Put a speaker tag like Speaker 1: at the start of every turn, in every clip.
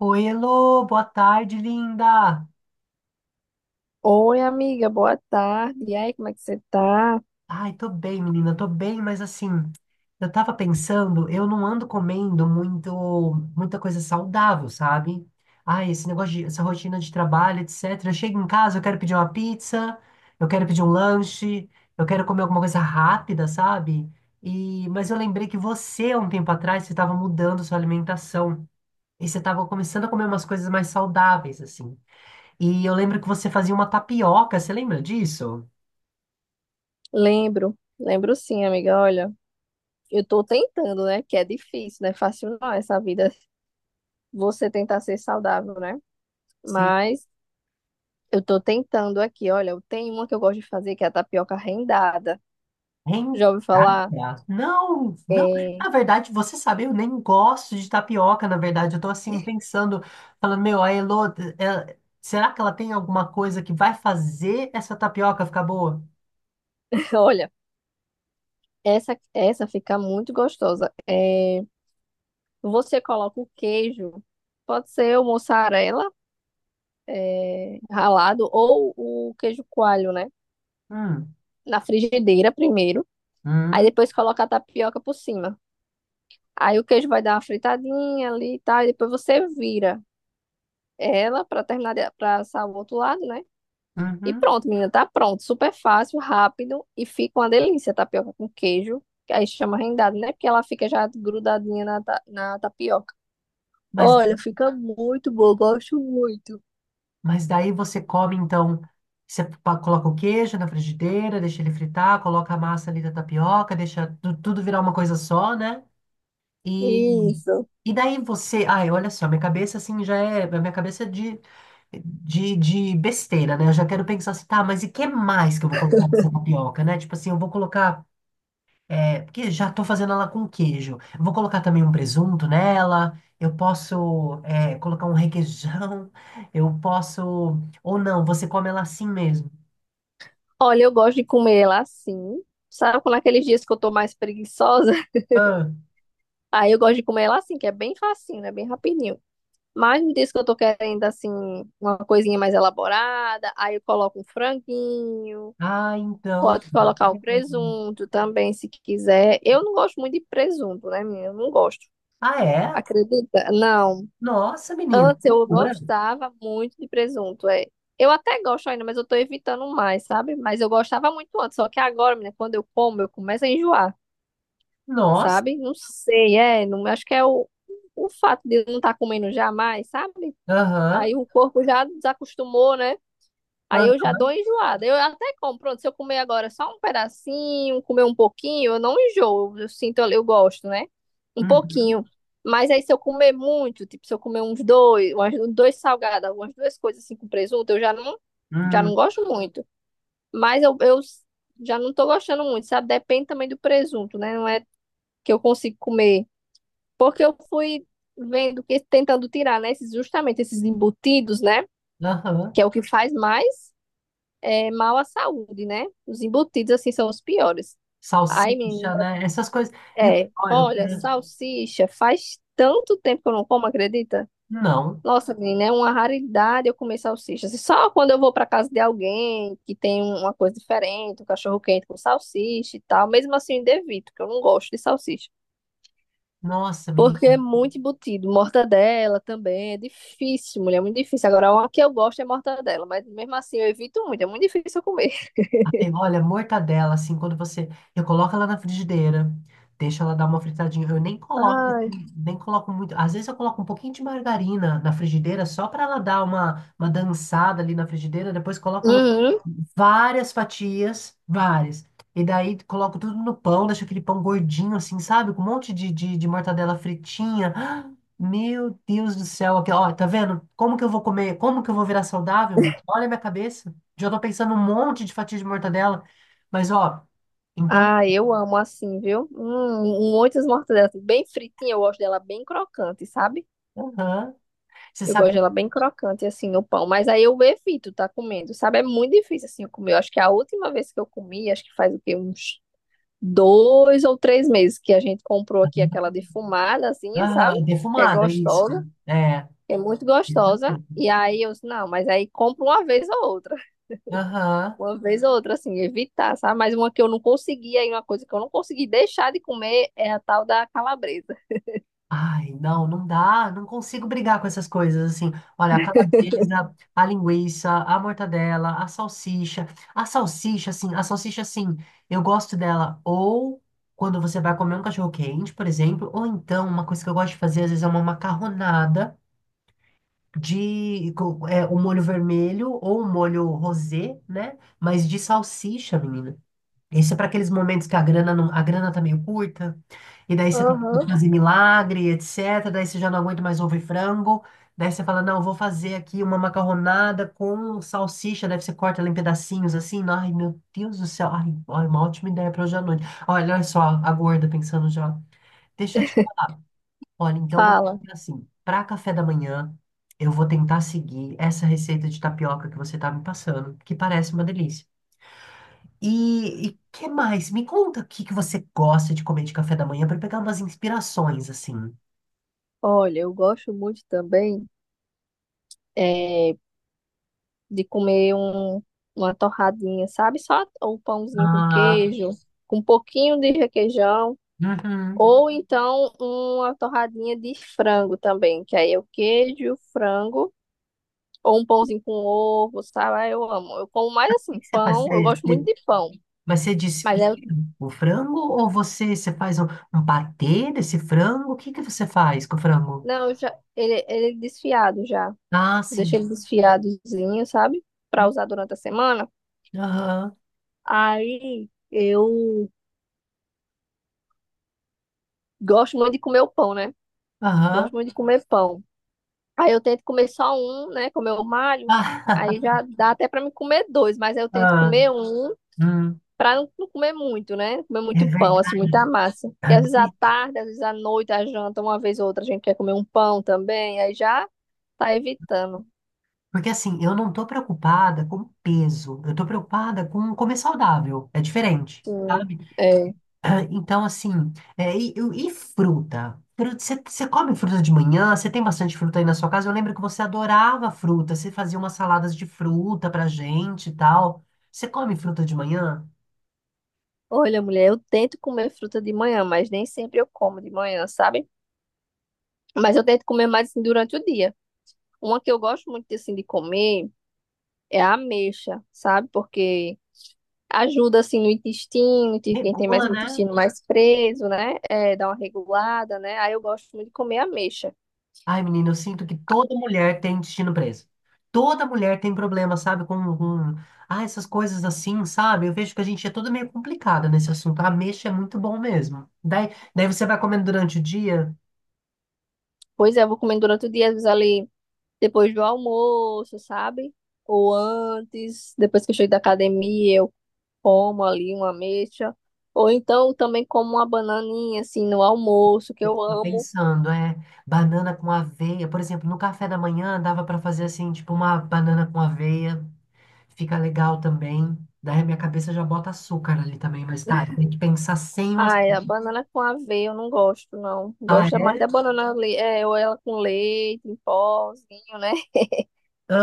Speaker 1: Oi, Elô, boa tarde, linda.
Speaker 2: Oi, amiga, boa tarde. E aí, como é que você tá?
Speaker 1: Ai, tô bem, menina, tô bem, mas assim, eu tava pensando, eu não ando comendo muito, muita coisa saudável, sabe? Ai, esse negócio de, essa rotina de trabalho, etc. Eu chego em casa, eu quero pedir uma pizza, eu quero pedir um lanche, eu quero comer alguma coisa rápida, sabe? E, mas eu lembrei que você, há um tempo atrás, você tava mudando sua alimentação e você tava começando a comer umas coisas mais saudáveis, assim. E eu lembro que você fazia uma tapioca, você lembra disso?
Speaker 2: Lembro, sim, amiga. Olha, eu tô tentando, né? Que é difícil, não é fácil não, essa vida, você tentar ser saudável, né?
Speaker 1: Sim.
Speaker 2: Mas eu tô tentando aqui. Olha, eu tenho uma que eu gosto de fazer, que é a tapioca rendada. Já ouviu falar?
Speaker 1: Rendada? Não, não.
Speaker 2: É...
Speaker 1: Na verdade, você sabe, eu nem gosto de tapioca, na verdade. Eu tô assim pensando, falando, meu, a Elô, será que ela tem alguma coisa que vai fazer essa tapioca ficar boa?
Speaker 2: Olha, essa fica muito gostosa. É... Você coloca o queijo, pode ser o mussarela, é... ralado, ou o queijo coalho, né?
Speaker 1: Hum,
Speaker 2: Na frigideira primeiro, aí
Speaker 1: hum,
Speaker 2: depois coloca a tapioca por cima. Aí o queijo vai dar uma fritadinha ali e tal, e depois você vira ela para terminar para assar o outro lado, né? E
Speaker 1: uhum.
Speaker 2: pronto, menina, tá pronto, super fácil, rápido e fica uma delícia a tapioca com queijo, que aí chama rendado, né? Porque ela fica já grudadinha na, na tapioca.
Speaker 1: Mas,
Speaker 2: Olha, fica muito bom, gosto muito.
Speaker 1: mas daí você come, então, você coloca o queijo na frigideira, deixa ele fritar, coloca a massa ali da tapioca, deixa tudo virar uma coisa só, né? E
Speaker 2: Isso.
Speaker 1: e daí você, ai, olha só, minha cabeça assim já é, a minha cabeça é de besteira, né? Eu já quero pensar assim, tá, mas e que mais que eu vou colocar nessa tapioca, né? Tipo assim, eu vou colocar, é, porque já tô fazendo ela com queijo. Eu vou colocar também um presunto nela, eu posso, é, colocar um requeijão, eu posso, ou não, você come ela assim mesmo.
Speaker 2: Olha, eu gosto de comer ela assim. Sabe, quando aqueles dias que eu tô mais preguiçosa,
Speaker 1: Ah,
Speaker 2: aí eu gosto de comer ela assim, que é bem facinho, né? Bem rapidinho. Mas no dias que eu tô querendo, assim, uma coisinha mais elaborada, aí eu coloco um franguinho,
Speaker 1: ah, então.
Speaker 2: pode colocar o
Speaker 1: É.
Speaker 2: presunto também, se quiser. Eu não gosto muito de presunto, né, minha? Eu não gosto.
Speaker 1: Ah, é?
Speaker 2: Acredita? Não.
Speaker 1: Nossa, menino,
Speaker 2: Antes eu
Speaker 1: loucura.
Speaker 2: gostava muito de presunto, é. Eu até gosto ainda, mas eu tô evitando mais, sabe? Mas eu gostava muito antes, só que agora, menina, quando eu como, eu começo a enjoar,
Speaker 1: Nossa,
Speaker 2: sabe? Não sei, é, não, acho que é o fato de eu não estar comendo jamais, sabe?
Speaker 1: aham.
Speaker 2: Aí o corpo já desacostumou, né? Aí eu
Speaker 1: Aham.
Speaker 2: já dou enjoada. Eu até como, pronto, se eu comer agora só um pedacinho, comer um pouquinho, eu não enjoo, eu sinto, eu gosto, né? Um
Speaker 1: Uhum.
Speaker 2: pouquinho. Mas aí se eu comer muito, tipo, se eu comer uns dois, umas, dois salgados, umas duas coisas assim com presunto, eu já não
Speaker 1: Hum.
Speaker 2: gosto muito. Mas eu já não tô gostando muito, sabe? Depende também do presunto, né? Não é que eu consigo comer. Porque eu fui vendo que tentando tirar, né, esses, justamente esses embutidos, né,
Speaker 1: Aham.
Speaker 2: que é o que faz mais é, mal à saúde, né? Os embutidos assim são os piores. Ai,
Speaker 1: Salsicha,
Speaker 2: menina,
Speaker 1: né? Essas coisas. E o
Speaker 2: é,
Speaker 1: pior,
Speaker 2: olha, salsicha, faz tanto tempo que eu não como, acredita?
Speaker 1: não.
Speaker 2: Nossa, menina, é uma raridade eu comer salsicha. Assim, só quando eu vou para casa de alguém que tem uma coisa diferente, um cachorro quente com salsicha e tal, mesmo assim eu ainda evito, porque eu não gosto de salsicha.
Speaker 1: Nossa, menina.
Speaker 2: Porque é muito embutido. Mortadela também é difícil, mulher, é muito difícil. Agora, uma que eu gosto é mortadela, mas mesmo assim eu evito muito, é muito difícil eu comer.
Speaker 1: Ai, olha, mortadela, assim, quando você. Eu coloco ela na frigideira, deixo ela dar uma fritadinha. Eu nem coloco, assim,
Speaker 2: Ai,
Speaker 1: nem coloco muito. Às vezes eu coloco um pouquinho de margarina na frigideira, só para ela dar uma dançada ali na frigideira. Depois coloco no-
Speaker 2: uhum.
Speaker 1: várias fatias, várias. E daí coloco tudo no pão, deixo aquele pão gordinho, assim, sabe? Com um monte de mortadela fritinha. Ah, meu Deus do céu, aqui, ó, tá vendo? Como que eu vou comer? Como que eu vou virar saudável, menino? Olha a minha cabeça. Já tô pensando um monte de fatia de mortadela. Mas, ó, então,
Speaker 2: Ah, eu amo assim, viu? Muitas mortadelas, assim, bem fritinha, eu gosto dela bem crocante, sabe?
Speaker 1: aham. Você
Speaker 2: Eu
Speaker 1: sabe
Speaker 2: gosto
Speaker 1: que.
Speaker 2: dela bem crocante, assim, no pão. Mas aí eu evito tá comendo, sabe? É muito difícil, assim, eu comer. Eu acho que a última vez que eu comi, acho que faz o quê? Uns dois ou três meses que a gente comprou aqui aquela defumada, assim, sabe?
Speaker 1: Aham, é
Speaker 2: Que é
Speaker 1: defumada, isso.
Speaker 2: gostosa.
Speaker 1: É,
Speaker 2: É muito
Speaker 1: isso
Speaker 2: gostosa.
Speaker 1: mesmo.
Speaker 2: E aí eu disse, não, mas aí compro uma vez ou outra.
Speaker 1: Aham.
Speaker 2: Uma vez ou outra, assim, evitar, sabe? Mas uma que eu não consegui, aí uma coisa que eu não consegui deixar de comer é a tal da calabresa.
Speaker 1: Ai, não, não dá. Não consigo brigar com essas coisas, assim. Olha, a calabresa, a linguiça, a mortadela, a salsicha. A salsicha, assim, eu gosto dela ou quando você vai comer um cachorro quente, por exemplo, ou então, uma coisa que eu gosto de fazer, às vezes, é uma macarronada. É, o molho vermelho ou o molho rosé, né? Mas de salsicha, menina. Isso é para aqueles momentos que a grana não, a grana tá meio curta, e daí você tem que
Speaker 2: Aham.
Speaker 1: fazer milagre, etc. Daí você já não aguenta mais ovo e frango. Daí você fala, não, vou fazer aqui uma macarronada com salsicha. Daí você corta ela em pedacinhos assim. Ai, meu Deus do céu. Ai, olha, uma ótima ideia para hoje à noite. Olha, olha só, a gorda pensando já. Deixa eu te olha, então vamos
Speaker 2: Fala,
Speaker 1: fazer assim, para café da manhã, eu vou tentar seguir essa receita de tapioca que você tá me passando, que parece uma delícia. E o que mais? Me conta o que que você gosta de comer de café da manhã para pegar umas inspirações assim.
Speaker 2: olha, eu gosto muito também é, de comer um, uma torradinha, sabe? Só um pãozinho com
Speaker 1: Ah,
Speaker 2: queijo, com um pouquinho de requeijão.
Speaker 1: uhum. O
Speaker 2: Ou então uma torradinha de frango também, que aí é o queijo, frango. Ou um pãozinho com ovo, sabe? Ah, eu amo. Eu como mais
Speaker 1: que
Speaker 2: assim,
Speaker 1: que você faz?
Speaker 2: pão. Eu gosto muito de pão.
Speaker 1: Mas você
Speaker 2: Mas
Speaker 1: desfia
Speaker 2: é,
Speaker 1: o frango ou você faz um, um patê desse frango? O que que você faz com o frango?
Speaker 2: não, eu já, ele é desfiado já.
Speaker 1: Ah, sim.
Speaker 2: Deixei ele desfiadozinho, sabe? Pra
Speaker 1: Hum,
Speaker 2: usar durante a semana.
Speaker 1: aham,
Speaker 2: Aí eu gosto muito de comer o pão, né? Gosto
Speaker 1: aham.
Speaker 2: muito de comer pão. Aí eu tento comer só um, né? Comer o Mário. Aí já dá até pra me comer dois, mas aí eu tento
Speaker 1: Ah,
Speaker 2: comer um.
Speaker 1: ah,
Speaker 2: Pra não, comer muito, né? Comer
Speaker 1: é
Speaker 2: muito pão, assim,
Speaker 1: verdade.
Speaker 2: muita massa. Porque
Speaker 1: Ah,
Speaker 2: às vezes à
Speaker 1: e-
Speaker 2: tarde, às vezes à noite, à janta, uma vez ou outra, a gente quer comer um pão também, aí já tá evitando.
Speaker 1: porque assim, eu não tô preocupada com peso, eu tô preocupada com comer saudável, é diferente,
Speaker 2: Sim.
Speaker 1: sabe?
Speaker 2: É.
Speaker 1: Ah, então, assim, é, e fruta? Fruta, você você come fruta de manhã? Você tem bastante fruta aí na sua casa? Eu lembro que você adorava fruta, você fazia umas saladas de fruta pra gente e tal. Você come fruta de manhã?
Speaker 2: Olha, mulher, eu tento comer fruta de manhã, mas nem sempre eu como de manhã, sabe? Mas eu tento comer mais assim, durante o dia. Uma que eu gosto muito assim de comer é a ameixa, sabe? Porque ajuda assim no intestino, tipo, quem tem mais
Speaker 1: Regula,
Speaker 2: o
Speaker 1: né?
Speaker 2: intestino mais preso, né? É, dá uma regulada, né? Aí eu gosto muito de comer ameixa.
Speaker 1: Ai, menina, eu sinto que toda mulher tem intestino preso. Toda mulher tem problema, sabe? Com... Ah, essas coisas assim, sabe? Eu vejo que a gente é toda meio complicada nesse assunto. A mexa é muito bom mesmo. Daí você vai comendo durante o dia.
Speaker 2: Pois é, eu vou comendo durante o dia, às vezes ali depois do almoço, sabe? Ou antes, depois que eu chego da academia, eu como ali uma ameixa. Ou então eu também como uma bananinha, assim, no almoço, que
Speaker 1: Eu
Speaker 2: eu
Speaker 1: tava
Speaker 2: amo.
Speaker 1: pensando, é, banana com aveia. Por exemplo, no café da manhã dava pra fazer assim, tipo uma banana com aveia. Fica legal também. Daí a minha cabeça já bota açúcar ali também, mas tá, tem que pensar sem o açúcar.
Speaker 2: Ai, a banana com aveia eu não gosto, não.
Speaker 1: Ah,
Speaker 2: Gosto é mais
Speaker 1: é?
Speaker 2: da banana, é, ou ela com leite, em pozinho, né?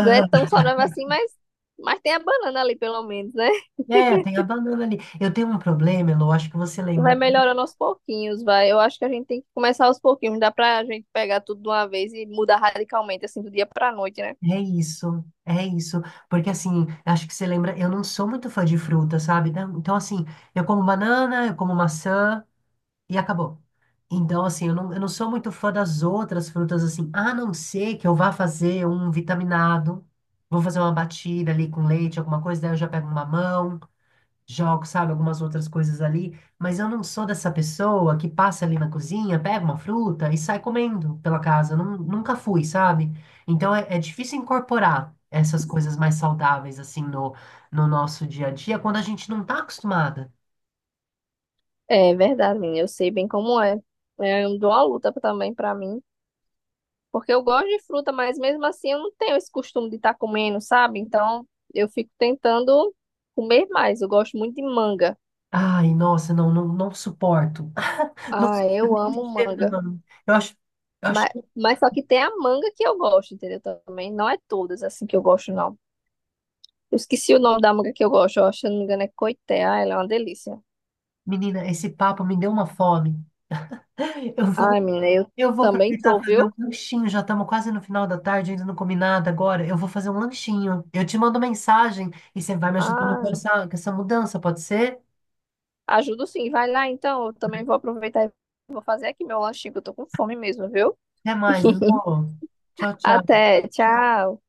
Speaker 2: Não é tão saudável assim, mas tem a banana ali, pelo menos, né?
Speaker 1: É, tem a banana ali. Eu tenho um problema, Elo, acho que você lembra.
Speaker 2: Vai melhorando aos pouquinhos, vai. Eu acho que a gente tem que começar aos pouquinhos. Não dá pra gente pegar tudo de uma vez e mudar radicalmente, assim, do dia pra noite, né?
Speaker 1: É isso, é isso. Porque assim, acho que você lembra, eu não sou muito fã de fruta, sabe? Não, então, assim, eu como banana, eu como maçã e acabou. Então, assim, eu não sou muito fã das outras frutas, assim, a não ser que eu vá fazer um vitaminado, vou fazer uma batida ali com leite, alguma coisa, daí eu já pego um mamão. Jogo, sabe, algumas outras coisas ali, mas eu não sou dessa pessoa que passa ali na cozinha, pega uma fruta e sai comendo pela casa. Eu nunca fui, sabe? Então é, é difícil incorporar essas coisas mais saudáveis assim no, no nosso dia a dia quando a gente não tá acostumada.
Speaker 2: É verdade, menina. Eu sei bem como é. É, eu dou uma luta também pra mim. Porque eu gosto de fruta, mas mesmo assim eu não tenho esse costume de estar comendo, sabe? Então eu fico tentando comer mais. Eu gosto muito de manga.
Speaker 1: Ai, nossa, não suporto. Não
Speaker 2: Ah,
Speaker 1: suporto
Speaker 2: eu
Speaker 1: nem o
Speaker 2: amo
Speaker 1: cheiro
Speaker 2: manga.
Speaker 1: da mão. Eu acho,
Speaker 2: Mas, mas só que tem a manga que eu gosto, entendeu? Também não é todas assim que eu gosto, não. Eu esqueci o nome da manga que eu gosto, ó, se eu não me engano é Coité. Ah, ela é uma delícia.
Speaker 1: menina, esse papo me deu uma fome. Eu vou
Speaker 2: Ai, menina, eu
Speaker 1: eu vou
Speaker 2: também
Speaker 1: aproveitar
Speaker 2: tô,
Speaker 1: e fazer um
Speaker 2: viu?
Speaker 1: lanchinho. Já estamos quase no final da tarde, ainda não comi nada agora. Eu vou fazer um lanchinho. Eu te mando mensagem e você vai me ajudando
Speaker 2: Ah,
Speaker 1: com essa mudança, pode ser?
Speaker 2: ajudo sim, vai lá então. Eu também vou aproveitar e vou fazer aqui meu lanchinho, que eu tô com fome mesmo, viu?
Speaker 1: Até mais, amor. Tchau, tchau.
Speaker 2: Até, tchau.